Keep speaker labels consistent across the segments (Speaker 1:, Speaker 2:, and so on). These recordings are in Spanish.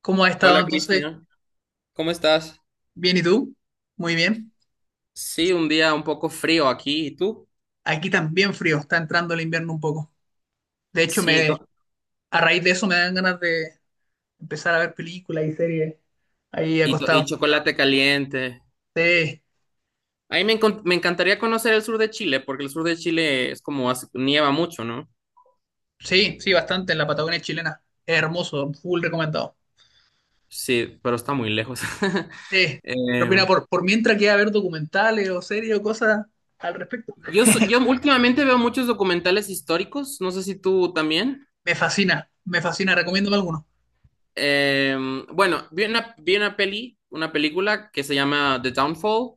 Speaker 1: ¿Cómo ha estado
Speaker 2: Hola
Speaker 1: entonces?
Speaker 2: Cristian, ¿cómo estás?
Speaker 1: Bien, ¿y tú? Muy bien.
Speaker 2: Sí, un día un poco frío aquí, ¿y tú?
Speaker 1: Aquí también frío, está entrando el invierno un poco. De hecho,
Speaker 2: Sí,
Speaker 1: me, a raíz de eso me dan ganas de empezar a ver películas y series ahí
Speaker 2: y
Speaker 1: acostado.
Speaker 2: chocolate caliente.
Speaker 1: Sí,
Speaker 2: A mí me encantaría conocer el sur de Chile, porque el sur de Chile es como nieva mucho, ¿no?
Speaker 1: sí, sí, bastante en la Patagonia chilena. Es hermoso, full recomendado.
Speaker 2: Sí, pero está muy lejos.
Speaker 1: Sí, pero
Speaker 2: Eh,
Speaker 1: mira, por mientras queda ver documentales o series o cosas al respecto,
Speaker 2: yo últimamente veo muchos documentales históricos, no sé si tú también.
Speaker 1: me fascina, recomiéndame alguno.
Speaker 2: Eh, bueno, vi una peli, una película que se llama The Downfall.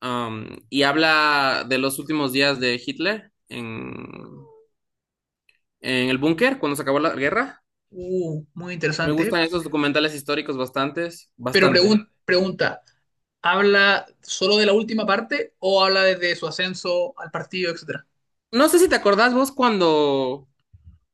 Speaker 2: Y habla de los últimos días de Hitler en el búnker, cuando se acabó la guerra.
Speaker 1: Muy
Speaker 2: Me
Speaker 1: interesante, ¿eh?
Speaker 2: gustan esos documentales históricos bastantes,
Speaker 1: Pero
Speaker 2: bastante.
Speaker 1: pregunta, ¿habla solo de la última parte o habla desde su ascenso al partido, etcétera?
Speaker 2: No sé si te acordás vos cuando,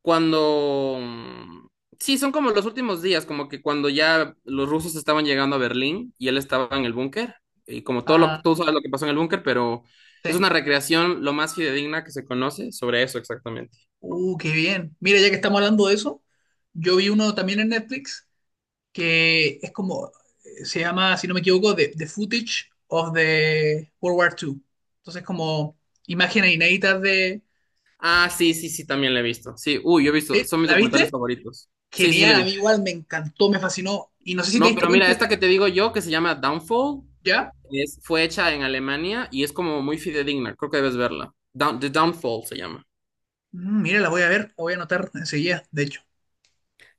Speaker 2: cuando, mm, sí, son como los últimos días, como que cuando ya los rusos estaban llegando a Berlín y él estaba en el búnker, y como todo lo que
Speaker 1: Ah,
Speaker 2: tú sabes lo que pasó en el búnker, pero es
Speaker 1: sí.
Speaker 2: una recreación lo más fidedigna que se conoce sobre eso exactamente.
Speaker 1: Qué bien. Mira, ya que estamos hablando de eso, yo vi uno también en Netflix que es como, se llama, si no me equivoco, The Footage of the World War two. Entonces, como imágenes inéditas de...
Speaker 2: Ah, sí, sí, sí, también la he visto. Sí, uy, yo he visto,
Speaker 1: ¿Sí?
Speaker 2: son mis
Speaker 1: ¿La
Speaker 2: documentales
Speaker 1: viste?
Speaker 2: favoritos. Sí, sí, sí, la
Speaker 1: Genial,
Speaker 2: he
Speaker 1: a mí
Speaker 2: visto.
Speaker 1: igual me encantó, me fascinó. Y no sé si te
Speaker 2: No,
Speaker 1: diste
Speaker 2: pero mira,
Speaker 1: cuenta
Speaker 2: esta
Speaker 1: que
Speaker 2: que te digo yo, que se llama Downfall,
Speaker 1: ya...
Speaker 2: es, fue hecha en Alemania y es como muy fidedigna, creo que debes verla. The Downfall se llama.
Speaker 1: Mm, mira, la voy a ver, la voy a anotar enseguida, de hecho.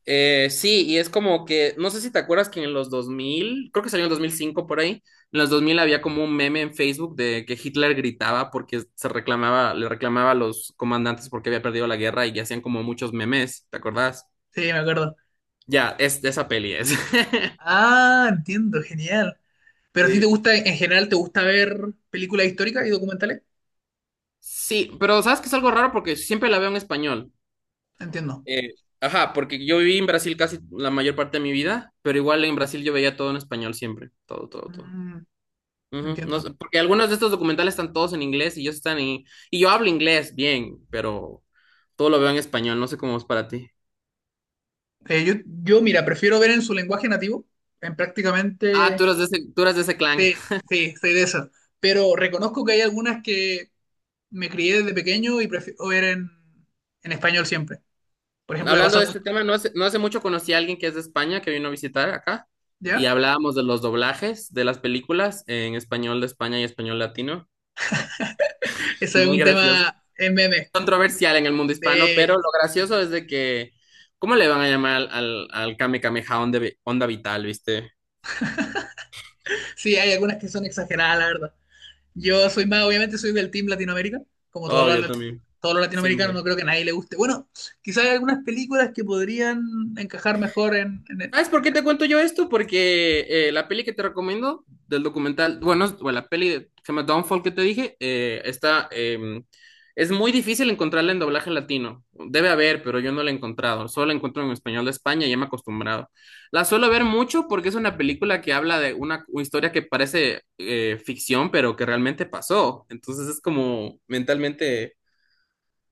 Speaker 2: Sí, y es como que, no sé si te acuerdas que en los 2000, creo que salió en 2005 por ahí, en los 2000 había como un meme en Facebook de que Hitler gritaba porque se reclamaba, le reclamaba a los comandantes porque había perdido la guerra y hacían como muchos memes, ¿te acordás?
Speaker 1: Sí, me acuerdo.
Speaker 2: Ya, es de esa peli es.
Speaker 1: Ah, entiendo, genial. Pero a ti te
Speaker 2: Sí.
Speaker 1: gusta, en general, ¿te gusta ver películas históricas y documentales?
Speaker 2: Sí, pero sabes que es algo raro porque siempre la veo en español.
Speaker 1: Entiendo.
Speaker 2: Eh, ajá, porque yo viví en Brasil casi la mayor parte de mi vida, pero igual en Brasil yo veía todo en español siempre, todo, todo, todo.
Speaker 1: Mm,
Speaker 2: Ujú, no
Speaker 1: entiendo.
Speaker 2: sé, porque algunos de estos documentales están todos en inglés y ellos están en... Y yo hablo inglés bien, pero todo lo veo en español, no sé cómo es para ti.
Speaker 1: Eh, yo, mira, prefiero ver en su lenguaje nativo, en
Speaker 2: Ah,
Speaker 1: prácticamente...
Speaker 2: tú eres de ese clan.
Speaker 1: Sí, sí, soy de esas. Pero reconozco que hay algunas que me crié desde pequeño y prefiero ver en español siempre. Por ejemplo, me
Speaker 2: Hablando
Speaker 1: pasa
Speaker 2: de
Speaker 1: mucho,
Speaker 2: este tema, no hace mucho conocí a alguien que es de España, que vino a visitar acá, y
Speaker 1: ¿ya?
Speaker 2: hablábamos de los doblajes de las películas en español de España y español latino.
Speaker 1: Eso
Speaker 2: Es
Speaker 1: es
Speaker 2: muy
Speaker 1: un
Speaker 2: gracioso.
Speaker 1: tema en meme.
Speaker 2: Controversial en el mundo hispano, pero
Speaker 1: de-
Speaker 2: lo gracioso es de que, ¿cómo le van a llamar al, al Kame Kameha Onda, Onda Vital, viste?
Speaker 1: sí, hay algunas que son exageradas, la verdad. Yo soy más, obviamente soy del Team Latinoamérica, como todos los,
Speaker 2: Obvio también,
Speaker 1: todos los latinoamericanos,
Speaker 2: siempre.
Speaker 1: no creo que a nadie le guste. Bueno, quizás hay algunas películas que podrían encajar mejor en...
Speaker 2: ¿Sabes por qué te cuento yo esto? Porque la peli que te recomiendo del documental, bueno, bueno, la peli que se llama Downfall que te dije, está, es muy difícil encontrarla en doblaje latino. Debe haber, pero yo no la he encontrado. Solo la encuentro en español de España y ya me he acostumbrado. La suelo ver mucho porque es una película que habla de una historia que parece ficción, pero que realmente pasó. Entonces es como mentalmente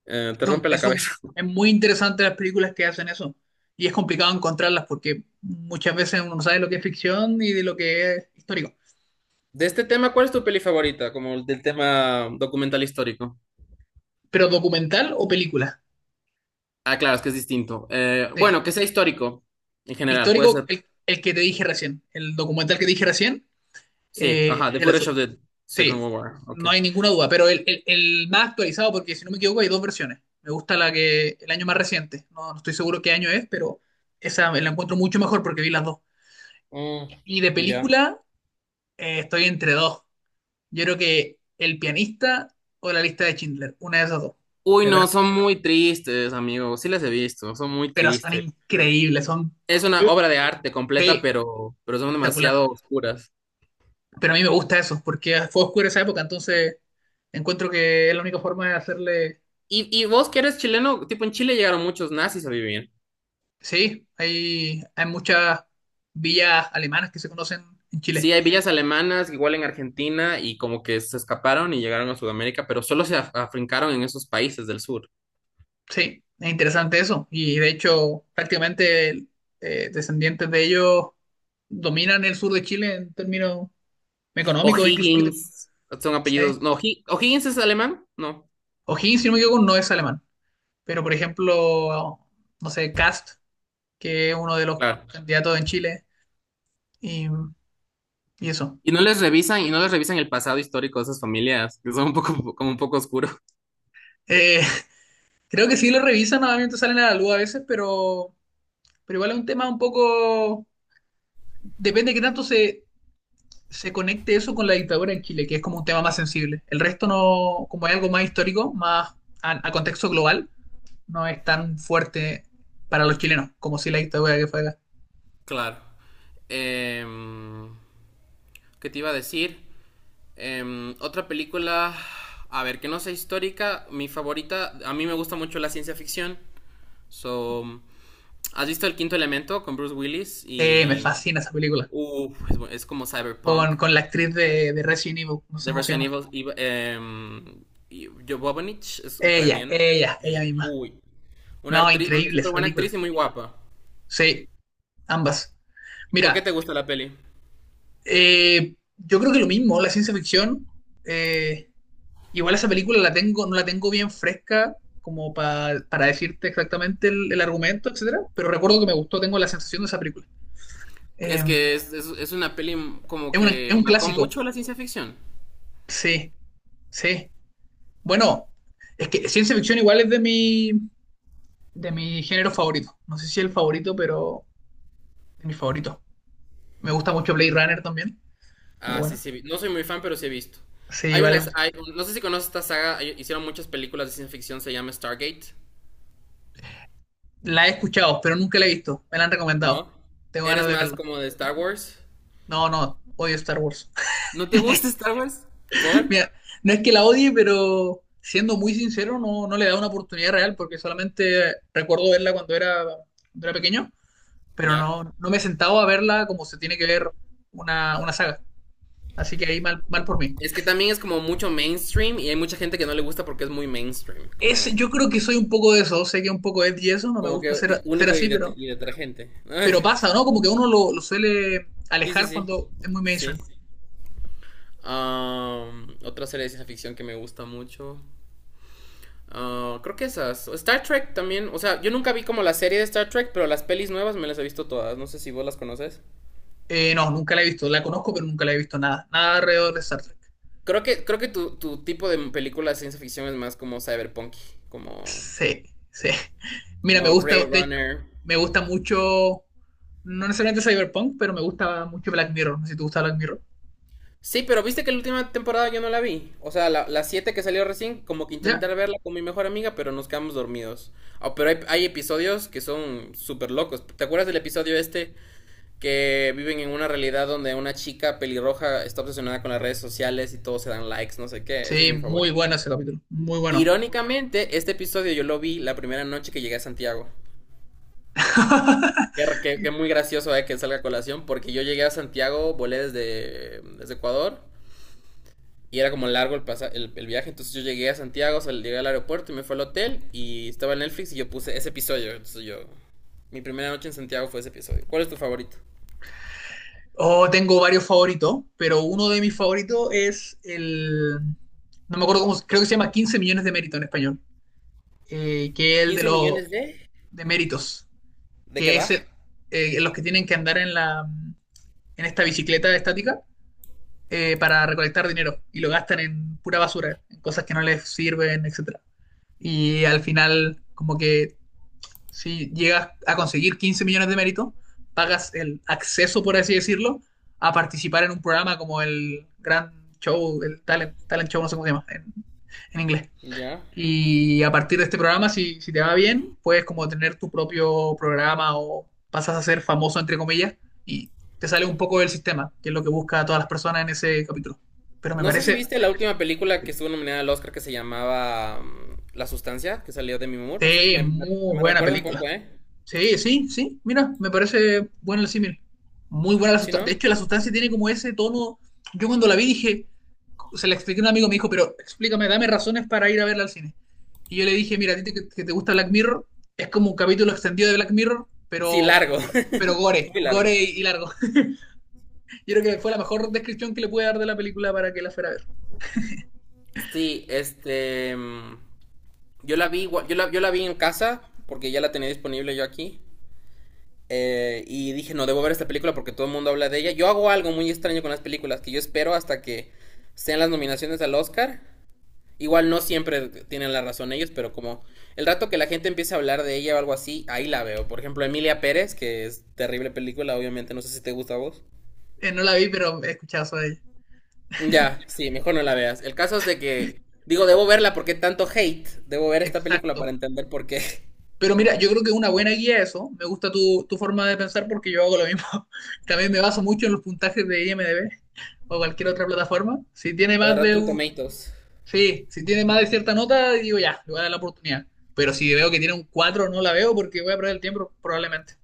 Speaker 2: te
Speaker 1: es, un-
Speaker 2: rompe la
Speaker 1: es, un-
Speaker 2: cabeza.
Speaker 1: es muy interesante las películas que hacen eso. Y es complicado encontrarlas porque muchas veces uno no sabe lo que es ficción y de lo que es histórico.
Speaker 2: De este tema, ¿cuál es tu peli favorita? Como el del tema documental histórico.
Speaker 1: Pero ¿documental o película?
Speaker 2: Ah, claro, es que es distinto.
Speaker 1: Sí.
Speaker 2: Bueno, que sea histórico en general, puede
Speaker 1: Histórico,
Speaker 2: ser.
Speaker 1: el que te dije recién. El documental que te dije recién,
Speaker 2: Sí, ajá, The
Speaker 1: de la...
Speaker 2: Footage of the Second
Speaker 1: Sí,
Speaker 2: World War, ok.
Speaker 1: no hay ninguna duda, pero el más actualizado, porque si no me equivoco hay dos versiones. Me gusta la que el año más reciente, no, no estoy seguro qué año es, pero esa la encuentro mucho mejor porque vi las dos.
Speaker 2: Mm,
Speaker 1: Y de
Speaker 2: ya.
Speaker 1: película estoy entre dos. Yo creo que El pianista o La lista de Schindler, una de esas dos,
Speaker 2: Uy,
Speaker 1: me
Speaker 2: no,
Speaker 1: parece.
Speaker 2: son muy tristes, amigo. Sí las he visto, son muy
Speaker 1: Pero son
Speaker 2: tristes.
Speaker 1: increíbles, son
Speaker 2: Es una obra de arte completa,
Speaker 1: sí,
Speaker 2: pero son
Speaker 1: espectacular.
Speaker 2: demasiado oscuras.
Speaker 1: Pero a mí me gusta eso, porque fue oscuro esa época, entonces encuentro que es la única forma de hacerle.
Speaker 2: Y vos que eres chileno, tipo en Chile llegaron muchos nazis a vivir.
Speaker 1: Sí, hay muchas villas alemanas que se conocen en
Speaker 2: Sí,
Speaker 1: Chile.
Speaker 2: hay villas alemanas, igual en Argentina, y como que se escaparon y llegaron a Sudamérica, pero solo se afrincaron en esos países del sur.
Speaker 1: Sí, es interesante eso. Y de hecho, prácticamente descendientes de ellos dominan el sur de Chile en términos económicos e incluso políticos.
Speaker 2: O'Higgins, son
Speaker 1: Sí.
Speaker 2: apellidos. No, O'Higgins es alemán, no,
Speaker 1: O'Higgins, si no me equivoco, no es alemán. Pero, por ejemplo, no sé, Kast, que es uno de los
Speaker 2: claro.
Speaker 1: candidatos en Chile, y, y eso.
Speaker 2: Y no les revisan el pasado histórico de esas familias, que son un poco, como un poco oscuro.
Speaker 1: Eh, creo que sí lo revisan, obviamente salen a la luz a veces, pero igual es un tema un poco, depende de qué tanto se conecte eso con la dictadura en Chile, que es como un tema más sensible. El resto no, como hay algo más histórico, más a contexto global, no es tan fuerte para los chilenos como si la dictadura que fue acá.
Speaker 2: Claro. Em, ¿Qué te iba a decir? Otra película, a ver, que no sea histórica, mi favorita, a mí me gusta mucho la ciencia ficción. So, ¿has visto El Quinto Elemento con Bruce Willis?
Speaker 1: Sí, me
Speaker 2: Y,
Speaker 1: fascina esa película.
Speaker 2: uf, es como cyberpunk.
Speaker 1: Con la actriz de Resident Evil, nos
Speaker 2: De Resident
Speaker 1: emociona.
Speaker 2: Evil, y Jovovich es
Speaker 1: Ella,
Speaker 2: ucraniano.
Speaker 1: ella, ella
Speaker 2: Ella.
Speaker 1: misma.
Speaker 2: Uy. Una,
Speaker 1: No,
Speaker 2: actriz, una
Speaker 1: increíble
Speaker 2: súper
Speaker 1: esa
Speaker 2: buena
Speaker 1: película.
Speaker 2: actriz y muy guapa.
Speaker 1: Sí, ambas.
Speaker 2: ¿Por qué
Speaker 1: Mira,
Speaker 2: te gusta la peli?
Speaker 1: yo creo que lo mismo, la ciencia ficción. eh, Igual esa película la tengo, no la tengo bien fresca como para decirte exactamente el argumento, etcétera, pero recuerdo que me gustó, tengo la sensación de esa película. Eh,
Speaker 2: Es que es una peli como
Speaker 1: es
Speaker 2: que
Speaker 1: un
Speaker 2: marcó
Speaker 1: clásico,
Speaker 2: mucho la ciencia ficción.
Speaker 1: sí, sí. Bueno, es que ciencia ficción igual es de mi género favorito. No sé si el favorito, pero de mi favorito. Me gusta mucho Blade Runner también. Muy
Speaker 2: Ah, sí,
Speaker 1: bueno.
Speaker 2: sí. No soy muy fan, pero sí he visto.
Speaker 1: Sí, vale.
Speaker 2: No sé si conoces esta saga, hicieron muchas películas de ciencia ficción, se llama Stargate,
Speaker 1: La he escuchado, pero nunca la he visto. Me la han recomendado.
Speaker 2: ¿no?
Speaker 1: Tengo ganas
Speaker 2: ¿Eres
Speaker 1: de
Speaker 2: más
Speaker 1: verla.
Speaker 2: como de Star Wars?
Speaker 1: No, no, odio Star Wars.
Speaker 2: ¿No te gusta Star Wars? ¿Por?
Speaker 1: Mira, no es que la odie, pero siendo muy sincero, no, no le da una oportunidad real porque solamente recuerdo verla cuando era pequeño, pero
Speaker 2: ¿Ya?
Speaker 1: no, no me he sentado a verla como se tiene que ver una saga. Así que ahí mal, mal por mí.
Speaker 2: Es que también es como mucho mainstream y hay mucha gente que no le gusta porque es muy mainstream,
Speaker 1: Es,
Speaker 2: como,
Speaker 1: yo creo que soy un poco de eso, sé que un poco es y eso, no me
Speaker 2: como
Speaker 1: gusta
Speaker 2: que
Speaker 1: ser
Speaker 2: único y,
Speaker 1: así,
Speaker 2: y detergente.
Speaker 1: pero pasa, ¿no? Como que uno lo suele
Speaker 2: Sí, sí,
Speaker 1: alejar
Speaker 2: sí.
Speaker 1: cuando es muy
Speaker 2: Sí.
Speaker 1: mainstream.
Speaker 2: Otra serie de ciencia ficción que me gusta mucho. Ah, creo que esas. Star Trek también. O sea, yo nunca vi como la serie de Star Trek, pero las pelis nuevas me las he visto todas. No sé si vos las conoces.
Speaker 1: No, nunca la he visto, la conozco, pero nunca la he visto nada, nada alrededor de Star Trek.
Speaker 2: Creo que tu tipo de película de ciencia ficción es más como cyberpunk, como,
Speaker 1: Sí, sí. Mira, me
Speaker 2: como
Speaker 1: gusta,
Speaker 2: Blade Runner.
Speaker 1: me gusta mucho, no necesariamente cyberpunk, pero me gusta mucho Black Mirror. No sé si te gusta Black Mirror.
Speaker 2: Sí, pero viste que la última temporada yo no la vi. O sea, la 7 que salió recién, como que
Speaker 1: ¿Ya?
Speaker 2: intenté verla con mi mejor amiga, pero nos quedamos dormidos. Ah, pero hay episodios que son súper locos. ¿Te acuerdas del episodio este que viven en una realidad donde una chica pelirroja está obsesionada con las redes sociales y todos se dan likes, no sé qué? Ese es
Speaker 1: Sí,
Speaker 2: mi
Speaker 1: muy
Speaker 2: favorito.
Speaker 1: bueno ese capítulo. Muy bueno.
Speaker 2: Irónicamente, este episodio yo lo vi la primera noche que llegué a Santiago. Que, que, que muy gracioso que salga a colación, porque yo llegué a Santiago, volé desde Ecuador. Y era como largo el, pasa el viaje, entonces yo llegué a Santiago, o sea, llegué al aeropuerto y me fue al hotel y estaba en Netflix y yo puse ese episodio. Entonces mi primera noche en Santiago fue ese episodio. ¿Cuál es tu favorito?
Speaker 1: Oh, tengo varios favoritos, pero uno de mis favoritos es el, no me acuerdo cómo, creo que se llama 15 millones de mérito en español, que es el de
Speaker 2: quince
Speaker 1: los
Speaker 2: millones de...
Speaker 1: de méritos,
Speaker 2: ¿De qué
Speaker 1: que es
Speaker 2: va?
Speaker 1: los que tienen que andar en la, en esta bicicleta estática para recolectar dinero y lo gastan en pura basura, en cosas que no les sirven, etcétera. Y al final, como que si llegas a conseguir 15 millones de méritos, pagas el acceso, por así decirlo, a participar en un programa como el Gran Show, el Talent, Talent Show, no sé cómo se llama en inglés.
Speaker 2: Ya.
Speaker 1: Y a partir de este programa, si, si te va bien, puedes como tener tu propio programa o pasas a ser famoso, entre comillas, y te sale un poco del sistema, que es lo que busca a todas las personas en ese capítulo. Pero me
Speaker 2: No sé si
Speaker 1: parece
Speaker 2: viste la última película que estuvo nominada al Oscar que se llamaba La Sustancia, que salió de mi humor. No sé, me, me,
Speaker 1: muy
Speaker 2: me
Speaker 1: buena
Speaker 2: recuerda un
Speaker 1: película.
Speaker 2: poco, ¿eh?
Speaker 1: Sí, sí, sí, mira, me parece buena el símil. Muy buena La
Speaker 2: ¿Sí,
Speaker 1: sustancia. De
Speaker 2: no?
Speaker 1: hecho, La sustancia tiene como ese tono. Yo cuando la vi dije, se la expliqué a un amigo, me dijo, pero explícame, dame razones para ir a verla al cine. Y yo le dije, mira, a ti que te gusta Black Mirror, es como un capítulo extendido de Black Mirror,
Speaker 2: Sí, largo.
Speaker 1: pero gore,
Speaker 2: Muy largo.
Speaker 1: gore y largo. Yo creo que fue la mejor descripción que le pude dar de la película para que la fuera a ver.
Speaker 2: Sí, este, yo la vi, yo la vi en casa porque ya la tenía disponible yo aquí. Y dije, no debo ver esta película porque todo el mundo habla de ella. Yo hago algo muy extraño con las películas, que yo espero hasta que sean las nominaciones al Oscar. Igual no siempre tienen la razón ellos, pero como el rato que la gente empiece a hablar de ella o algo así, ahí la veo. Por ejemplo, Emilia Pérez, que es terrible película, obviamente, no sé si te gusta a vos.
Speaker 1: No la vi, pero he escuchado sobre ella.
Speaker 2: Ya, sí, mejor no la veas. El caso es de que, digo, debo verla porque tanto hate, debo ver esta película
Speaker 1: Exacto.
Speaker 2: para entender por qué.
Speaker 1: Pero mira, yo creo que es una buena guía eso. Me gusta tu, tu forma de pensar porque yo hago lo mismo. También me baso mucho en los puntajes de IMDb o cualquier otra plataforma. Si tiene
Speaker 2: O de
Speaker 1: más de
Speaker 2: Rotten
Speaker 1: un...
Speaker 2: Tomatoes.
Speaker 1: Sí, si tiene más de cierta nota, digo ya, le voy a dar la oportunidad. Pero si veo que tiene un 4 no la veo porque voy a perder el tiempo probablemente.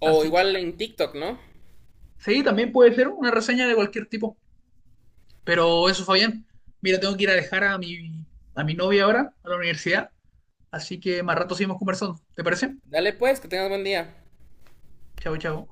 Speaker 2: O
Speaker 1: Así que
Speaker 2: igual en TikTok, ¿no?
Speaker 1: sí, también puede ser una reseña de cualquier tipo. Pero eso, Fabián. Mira, tengo que ir a dejar a mi novia ahora a la universidad. Así que más rato seguimos conversando. ¿Te parece?
Speaker 2: Dale pues, que tengas buen día.
Speaker 1: Chao, chao.